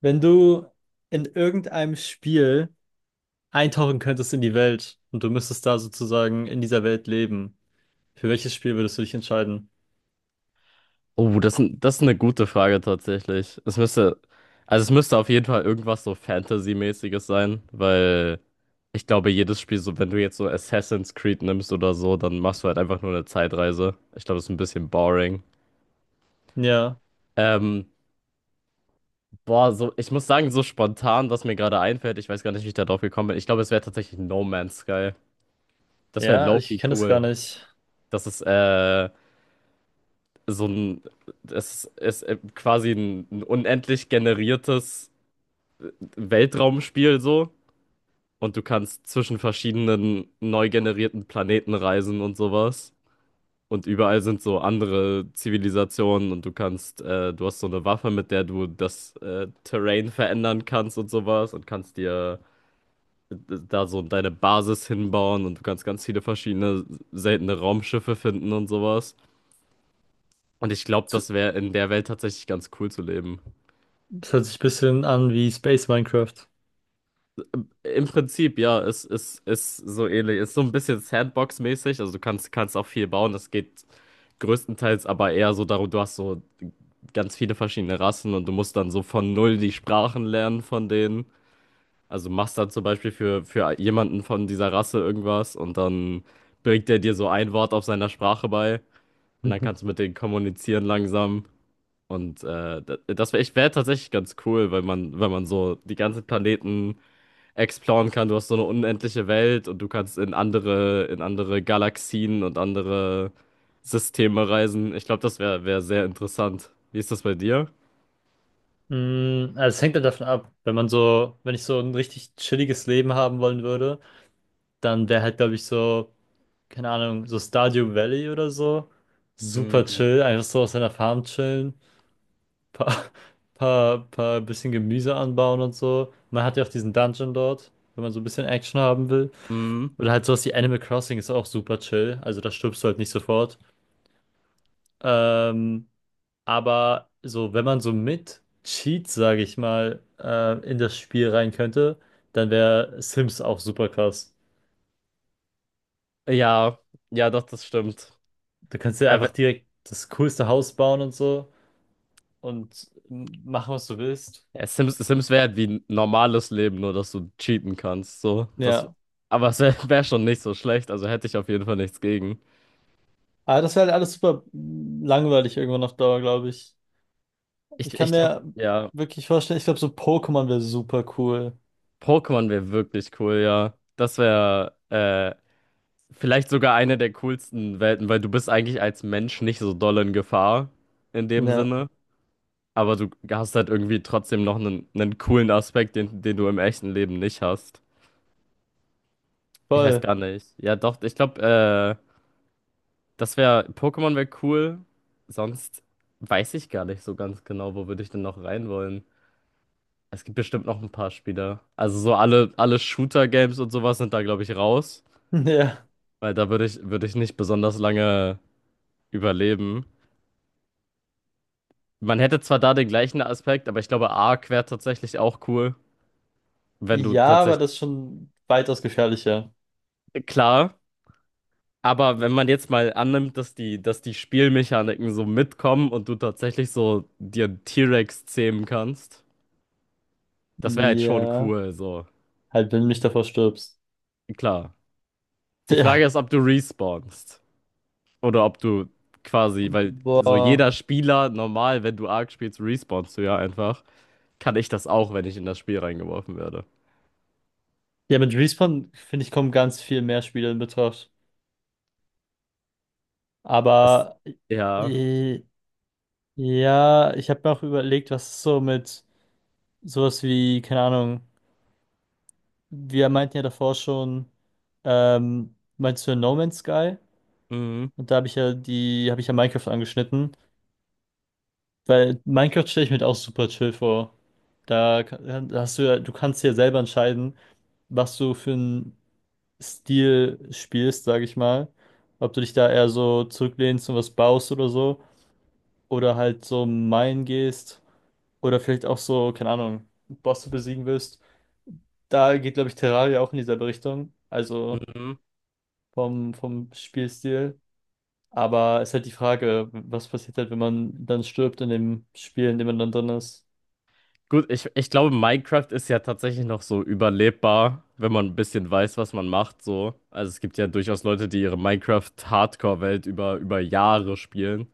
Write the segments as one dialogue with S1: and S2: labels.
S1: Wenn du in irgendeinem Spiel eintauchen könntest in die Welt und du müsstest da sozusagen in dieser Welt leben, für welches Spiel würdest du dich entscheiden?
S2: Oh, das ist eine gute Frage tatsächlich. Also es müsste auf jeden Fall irgendwas so Fantasy-mäßiges sein, weil ich glaube, jedes Spiel, so wenn du jetzt so Assassin's Creed nimmst oder so, dann machst du halt einfach nur eine Zeitreise. Ich glaube, das ist ein bisschen boring.
S1: Ja,
S2: Ähm, Boah, so, ich muss sagen, so spontan, was mir gerade einfällt, ich weiß gar nicht, wie ich da drauf gekommen bin. Ich glaube, es wäre tatsächlich No Man's Sky. Das wäre
S1: ja, ich
S2: Loki
S1: kenne das gar
S2: cool.
S1: nicht.
S2: Das ist, äh, so ein, das ist, quasi ein unendlich generiertes Weltraumspiel so und du kannst zwischen verschiedenen neu generierten Planeten reisen und sowas. Und überall sind so andere Zivilisationen und du kannst, du hast so eine Waffe, mit der du das Terrain verändern kannst und sowas und kannst dir äh, da so deine Basis hinbauen und du kannst ganz viele verschiedene seltene Raumschiffe finden und sowas. Und ich glaube,
S1: Es
S2: das wäre in der Welt tatsächlich ganz cool zu leben.
S1: es hört sich ein bisschen an wie Space Minecraft.
S2: Im Prinzip, ja, es ist so ähnlich. Ist so ein bisschen Sandbox-mäßig. Also du kannst auch viel bauen. Es geht größtenteils aber eher so darum, du hast so ganz viele verschiedene Rassen und du musst dann so von null die Sprachen lernen von denen. Also machst dann zum Beispiel für jemanden von dieser Rasse irgendwas und dann bringt der dir so ein Wort auf seiner Sprache bei und dann kannst du mit denen kommunizieren langsam. Und das wäre wär ich wär tatsächlich ganz cool, weil man so die ganzen Planeten exploren kann. Du hast so eine unendliche Welt und du kannst in in andere Galaxien und andere Systeme reisen. Ich glaube, das wäre wär sehr interessant. Wie ist das bei dir?
S1: Mhm. Mm, also es hängt halt davon ab, wenn man so, wenn ich so ein richtig chilliges Leben haben wollen würde, dann wäre halt, glaube ich, so, keine Ahnung, so Stardew Valley oder so. Super
S2: Mhm.
S1: chill, einfach so auf seiner Farm chillen. paar, paar bisschen Gemüse anbauen und so. Man hat ja auch diesen Dungeon dort, wenn man so ein bisschen Action haben will.
S2: Mhm.
S1: Oder halt sowas wie Animal Crossing ist auch super chill. Also da stirbst du halt nicht sofort. Ähm, aber so, wenn man so mit Cheats, sage ich mal, in das Spiel rein könnte, dann wäre Sims auch super krass.
S2: Ja, ja, doch, das stimmt.
S1: Du kannst dir
S2: Ja,
S1: einfach direkt das coolste Haus bauen und so und machen, was du willst.
S2: ja, Sims wäre halt wie ein normales Leben, nur dass du cheaten kannst. So,
S1: Ja.
S2: aber es wäre wär wär schon nicht so schlecht, also hätte ich auf jeden Fall nichts gegen.
S1: Aber das wäre halt alles super langweilig irgendwann auf Dauer, glaube ich.
S2: Ich,
S1: Ich kann
S2: ich glaube,
S1: mir
S2: ja,
S1: wirklich vorstellen, ich glaube, so Pokémon wäre super cool.
S2: Pokémon wäre wirklich cool, ja. Das wäre vielleicht sogar eine der coolsten Welten, weil du bist eigentlich als Mensch nicht so doll in Gefahr in dem
S1: Ja,
S2: Sinne, aber du hast halt irgendwie trotzdem noch einen coolen Aspekt, den du im echten Leben nicht hast. Ich weiß
S1: voll.
S2: gar nicht. Ja, doch, ich glaube, äh, das wäre, Pokémon wäre cool. Sonst weiß ich gar nicht so ganz genau, wo würde ich denn noch rein wollen. Es gibt bestimmt noch ein paar Spieler. Also so alle Shooter-Games und sowas sind da, glaube ich, raus,
S1: Ja.
S2: weil da würde würde ich nicht besonders lange überleben. Man hätte zwar da den gleichen Aspekt, aber ich glaube, Arc wäre tatsächlich auch cool, wenn du
S1: Ja, aber
S2: tatsächlich.
S1: das ist schon weitaus gefährlicher.
S2: Klar, aber wenn man jetzt mal annimmt, dass die Spielmechaniken so mitkommen und du tatsächlich so dir einen T-Rex zähmen kannst, das wäre halt schon
S1: Ja.
S2: cool, so.
S1: Halt, wenn du nicht davor stirbst.
S2: Klar. Die Frage
S1: Ja.
S2: ist, ob du respawnst oder ob du quasi, weil so
S1: Boah.
S2: jeder Spieler normal, wenn du Arc spielst, respawnst du ja einfach. Kann ich das auch, wenn ich in das Spiel reingeworfen werde.
S1: Ja, mit Respawn, finde ich, kommen ganz viel mehr Spiele in Betracht.
S2: Das,
S1: Aber
S2: ja.
S1: äh, ja, ich habe mir auch überlegt, was so mit sowas wie, keine Ahnung, wir meinten ja davor schon, meinst du No Man's Sky?
S2: Mhm.
S1: Und da habe ich ja die, habe ich ja Minecraft angeschnitten, weil Minecraft stelle ich mir halt auch super chill vor. Da hast du ja, du kannst ja selber entscheiden, was du für einen Stil spielst, sage ich mal. Ob du dich da eher so zurücklehnst und was baust oder so. Oder halt so minen gehst. Oder vielleicht auch so, keine Ahnung, Bosse besiegen willst. Da geht, glaube ich, Terraria auch in dieselbe Richtung. Also
S2: Mhm.
S1: vom Spielstil. Aber ist halt die Frage, was passiert halt, wenn man dann stirbt in dem Spiel, in dem man dann drin ist.
S2: Gut, ich glaube, Minecraft ist ja tatsächlich noch so überlebbar, wenn man ein bisschen weiß, was man macht, so. Also es gibt ja durchaus Leute, die ihre Minecraft-Hardcore-Welt über Jahre spielen.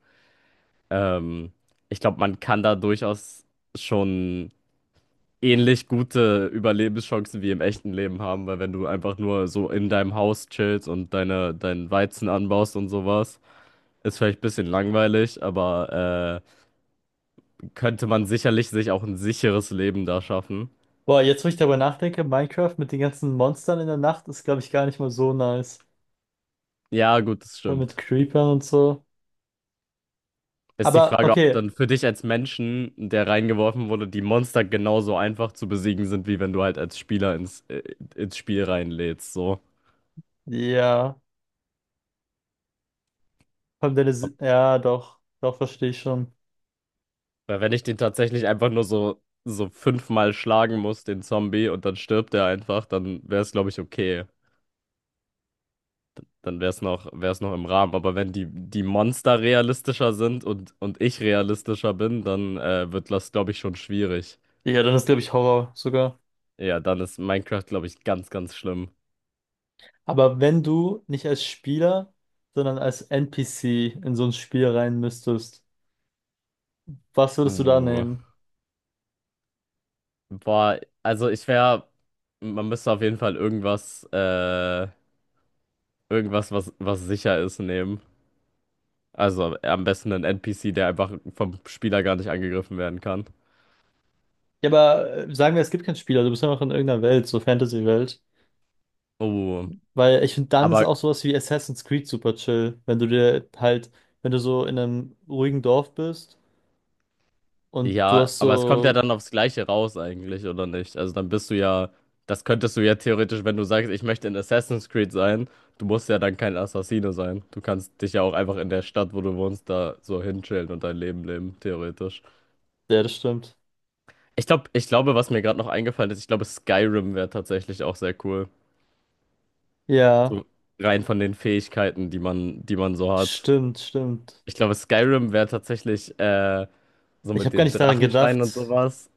S2: Ähm, Ich glaube, man kann da durchaus schon ähnlich gute Überlebenschancen wie im echten Leben haben, weil wenn du einfach nur so in deinem Haus chillst und deinen Weizen anbaust und sowas, ist vielleicht ein bisschen langweilig, aber könnte man sicherlich sich auch ein sicheres Leben da schaffen.
S1: Boah, jetzt wo ich darüber nachdenke, Minecraft mit den ganzen Monstern in der Nacht ist, glaube ich, gar nicht mal so nice.
S2: Ja, gut, das
S1: Vor allem mit
S2: stimmt.
S1: Creepern und so.
S2: Ist die
S1: Aber
S2: Frage, ob
S1: okay,
S2: dann für dich als Menschen, der reingeworfen wurde, die Monster genauso einfach zu besiegen sind, wie wenn du halt als Spieler ins Spiel reinlädst. So.
S1: ja, vor allem
S2: Ob,
S1: Ja, doch, doch, verstehe ich schon.
S2: weil wenn ich den tatsächlich einfach nur so fünfmal schlagen muss, den Zombie, und dann stirbt er einfach, dann wäre es, glaube ich, okay. Dann wäre es wäre es noch im Rahmen. Aber wenn die Monster realistischer sind und ich realistischer bin, dann wird das, glaube ich, schon schwierig.
S1: Ja, dann ist, glaube ich, Horror sogar.
S2: Ja, dann ist Minecraft, glaube ich, ganz, ganz schlimm.
S1: Aber wenn du nicht als Spieler, sondern als NPC in so ein Spiel rein müsstest, was würdest du da
S2: Uh.
S1: nehmen?
S2: Boah, also ich wäre, man müsste auf jeden Fall was sicher ist, nehmen. Also am besten einen NPC, der einfach vom Spieler gar nicht angegriffen werden kann.
S1: Ja, aber sagen wir, es gibt kein Spiel, also du bist einfach in irgendeiner Welt, so Fantasy-Welt.
S2: Oh,
S1: Weil ich finde, dann ist
S2: aber
S1: auch sowas wie Assassin's Creed super chill, wenn du dir halt, wenn du so in einem ruhigen Dorf bist und du
S2: ja,
S1: hast
S2: aber es kommt ja
S1: so,
S2: dann aufs Gleiche raus eigentlich, oder nicht? Also dann bist du ja, das könntest du ja theoretisch, wenn du sagst, ich möchte in Assassin's Creed sein, du musst ja dann kein Assassine sein. Du kannst dich ja auch einfach in der Stadt, wo du wohnst, da so hinchillen und dein Leben leben, theoretisch.
S1: ja, das stimmt.
S2: Ich glaube, was mir gerade noch eingefallen ist, ich glaube, Skyrim wäre tatsächlich auch sehr cool.
S1: Ja,
S2: So rein von den Fähigkeiten, die man so hat.
S1: stimmt, stimmt.
S2: Ich glaube, Skyrim wäre tatsächlich so
S1: Ich
S2: mit
S1: habe gar
S2: den
S1: nicht daran
S2: Drachenschreien und
S1: gedacht.
S2: sowas.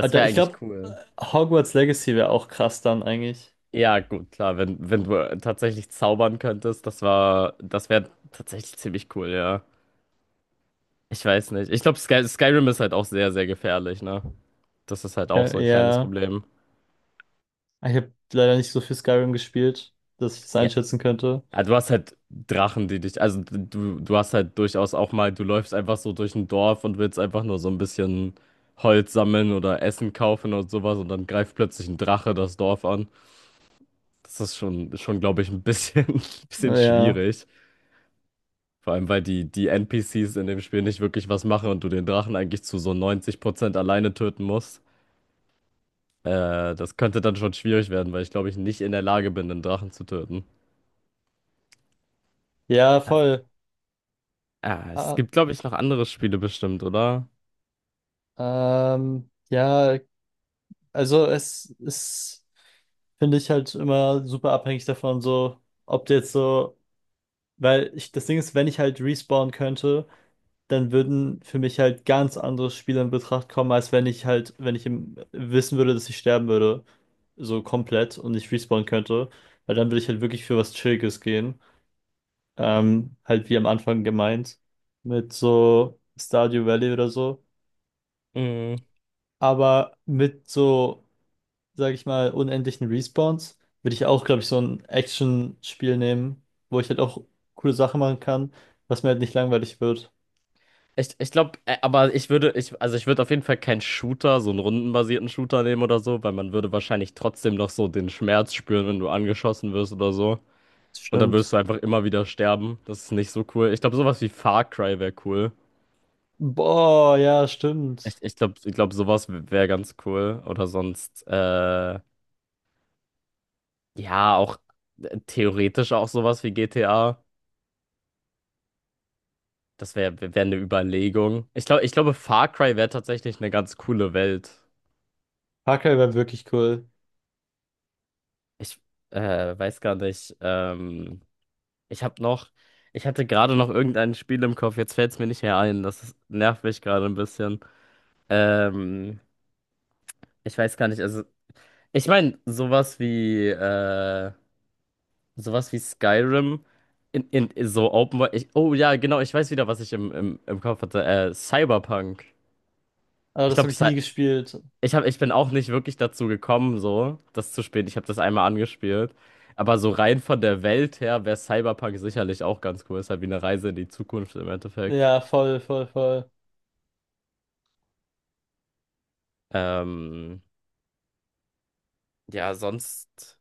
S2: wäre
S1: Ich
S2: eigentlich
S1: glaube,
S2: cool.
S1: Hogwarts Legacy wäre auch krass dann eigentlich.
S2: Ja, gut, klar, wenn du tatsächlich zaubern könntest, das wäre tatsächlich ziemlich cool, ja. Ich weiß nicht. Ich glaube, Skyrim ist halt auch sehr, sehr gefährlich, ne? Das ist halt auch
S1: Ja,
S2: so ein kleines
S1: ja.
S2: Problem.
S1: Ich habe leider nicht so viel Skyrim gespielt, dass ich das einschätzen könnte.
S2: Ah, du hast halt Drachen, also du hast halt durchaus auch mal, du läufst einfach so durch ein Dorf und willst einfach nur so ein bisschen Holz sammeln oder Essen kaufen und sowas und dann greift plötzlich ein Drache das Dorf an. Das ist schon glaube ich, ein bisschen, bisschen
S1: Ja,
S2: schwierig. Vor allem, weil die NPCs in dem Spiel nicht wirklich was machen und du den Drachen eigentlich zu so 90% alleine töten musst. Das könnte dann schon schwierig werden, weil ich glaube ich nicht in der Lage bin, einen Drachen zu töten.
S1: ja, voll.
S2: Ah, es
S1: Ah,
S2: gibt glaube ich noch andere Spiele bestimmt, oder?
S1: ja, also es ist, finde ich halt immer super abhängig davon, so, ob du jetzt so, weil ich, das Ding ist, wenn ich halt respawnen könnte, dann würden für mich halt ganz andere Spiele in Betracht kommen, als wenn ich halt, wenn ich im, wissen würde, dass ich sterben würde, so komplett und nicht respawnen könnte, weil dann würde ich halt wirklich für was Chilliges gehen, halt wie am Anfang gemeint, mit so Stardew Valley oder so,
S2: Mm.
S1: aber mit so sage ich mal, unendlichen Respawns, würde ich auch, glaube ich, so ein Action-Spiel nehmen, wo ich halt auch coole Sachen machen kann, was mir halt nicht langweilig wird.
S2: Ich glaube, aber ich also ich würde auf jeden Fall keinen Shooter, so einen rundenbasierten Shooter nehmen oder so, weil man würde wahrscheinlich trotzdem noch so den Schmerz spüren, wenn du angeschossen wirst oder so. Und dann würdest
S1: Stimmt.
S2: du einfach immer wieder sterben. Das ist nicht so cool. Ich glaube, sowas wie Far Cry wäre cool.
S1: Boah, ja,
S2: Ich,
S1: stimmt.
S2: ich glaube, ich glaub, sowas wäre ganz cool. Oder sonst, ja, auch theoretisch auch sowas wie GTA. Das wäre wär wär eine Überlegung. Ich glaube, Far Cry wäre tatsächlich eine ganz coole Welt.
S1: Parker wäre wirklich cool.
S2: Ich weiß gar nicht. Ich habe noch, ich hatte gerade noch irgendein Spiel im Kopf. Jetzt fällt es mir nicht mehr ein. Nervt mich gerade ein bisschen. Ähm, ich weiß gar nicht. Also, ich meine, sowas wie Skyrim in, in so Open World. Ich, oh ja, genau. Ich weiß wieder, was ich im Kopf hatte. Cyberpunk.
S1: Aber
S2: Ich
S1: das
S2: glaube,
S1: habe ich nie gespielt.
S2: Ich ich bin auch nicht wirklich dazu gekommen, so das zu spielen. Ich habe das einmal angespielt. Aber so rein von der Welt her wäre Cyberpunk sicherlich auch ganz cool. Ist halt wie eine Reise in die Zukunft im Endeffekt.
S1: Ja, voll, voll, voll.
S2: Ähm, ja, sonst,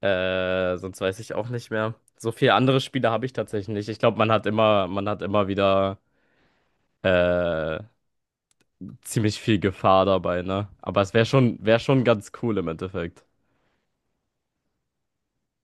S2: äh, sonst weiß ich auch nicht mehr. So viele andere Spiele habe ich tatsächlich nicht. Ich glaube, man hat immer wieder äh, ziemlich viel Gefahr dabei, ne? Aber es wäre wäre schon ganz cool im Endeffekt.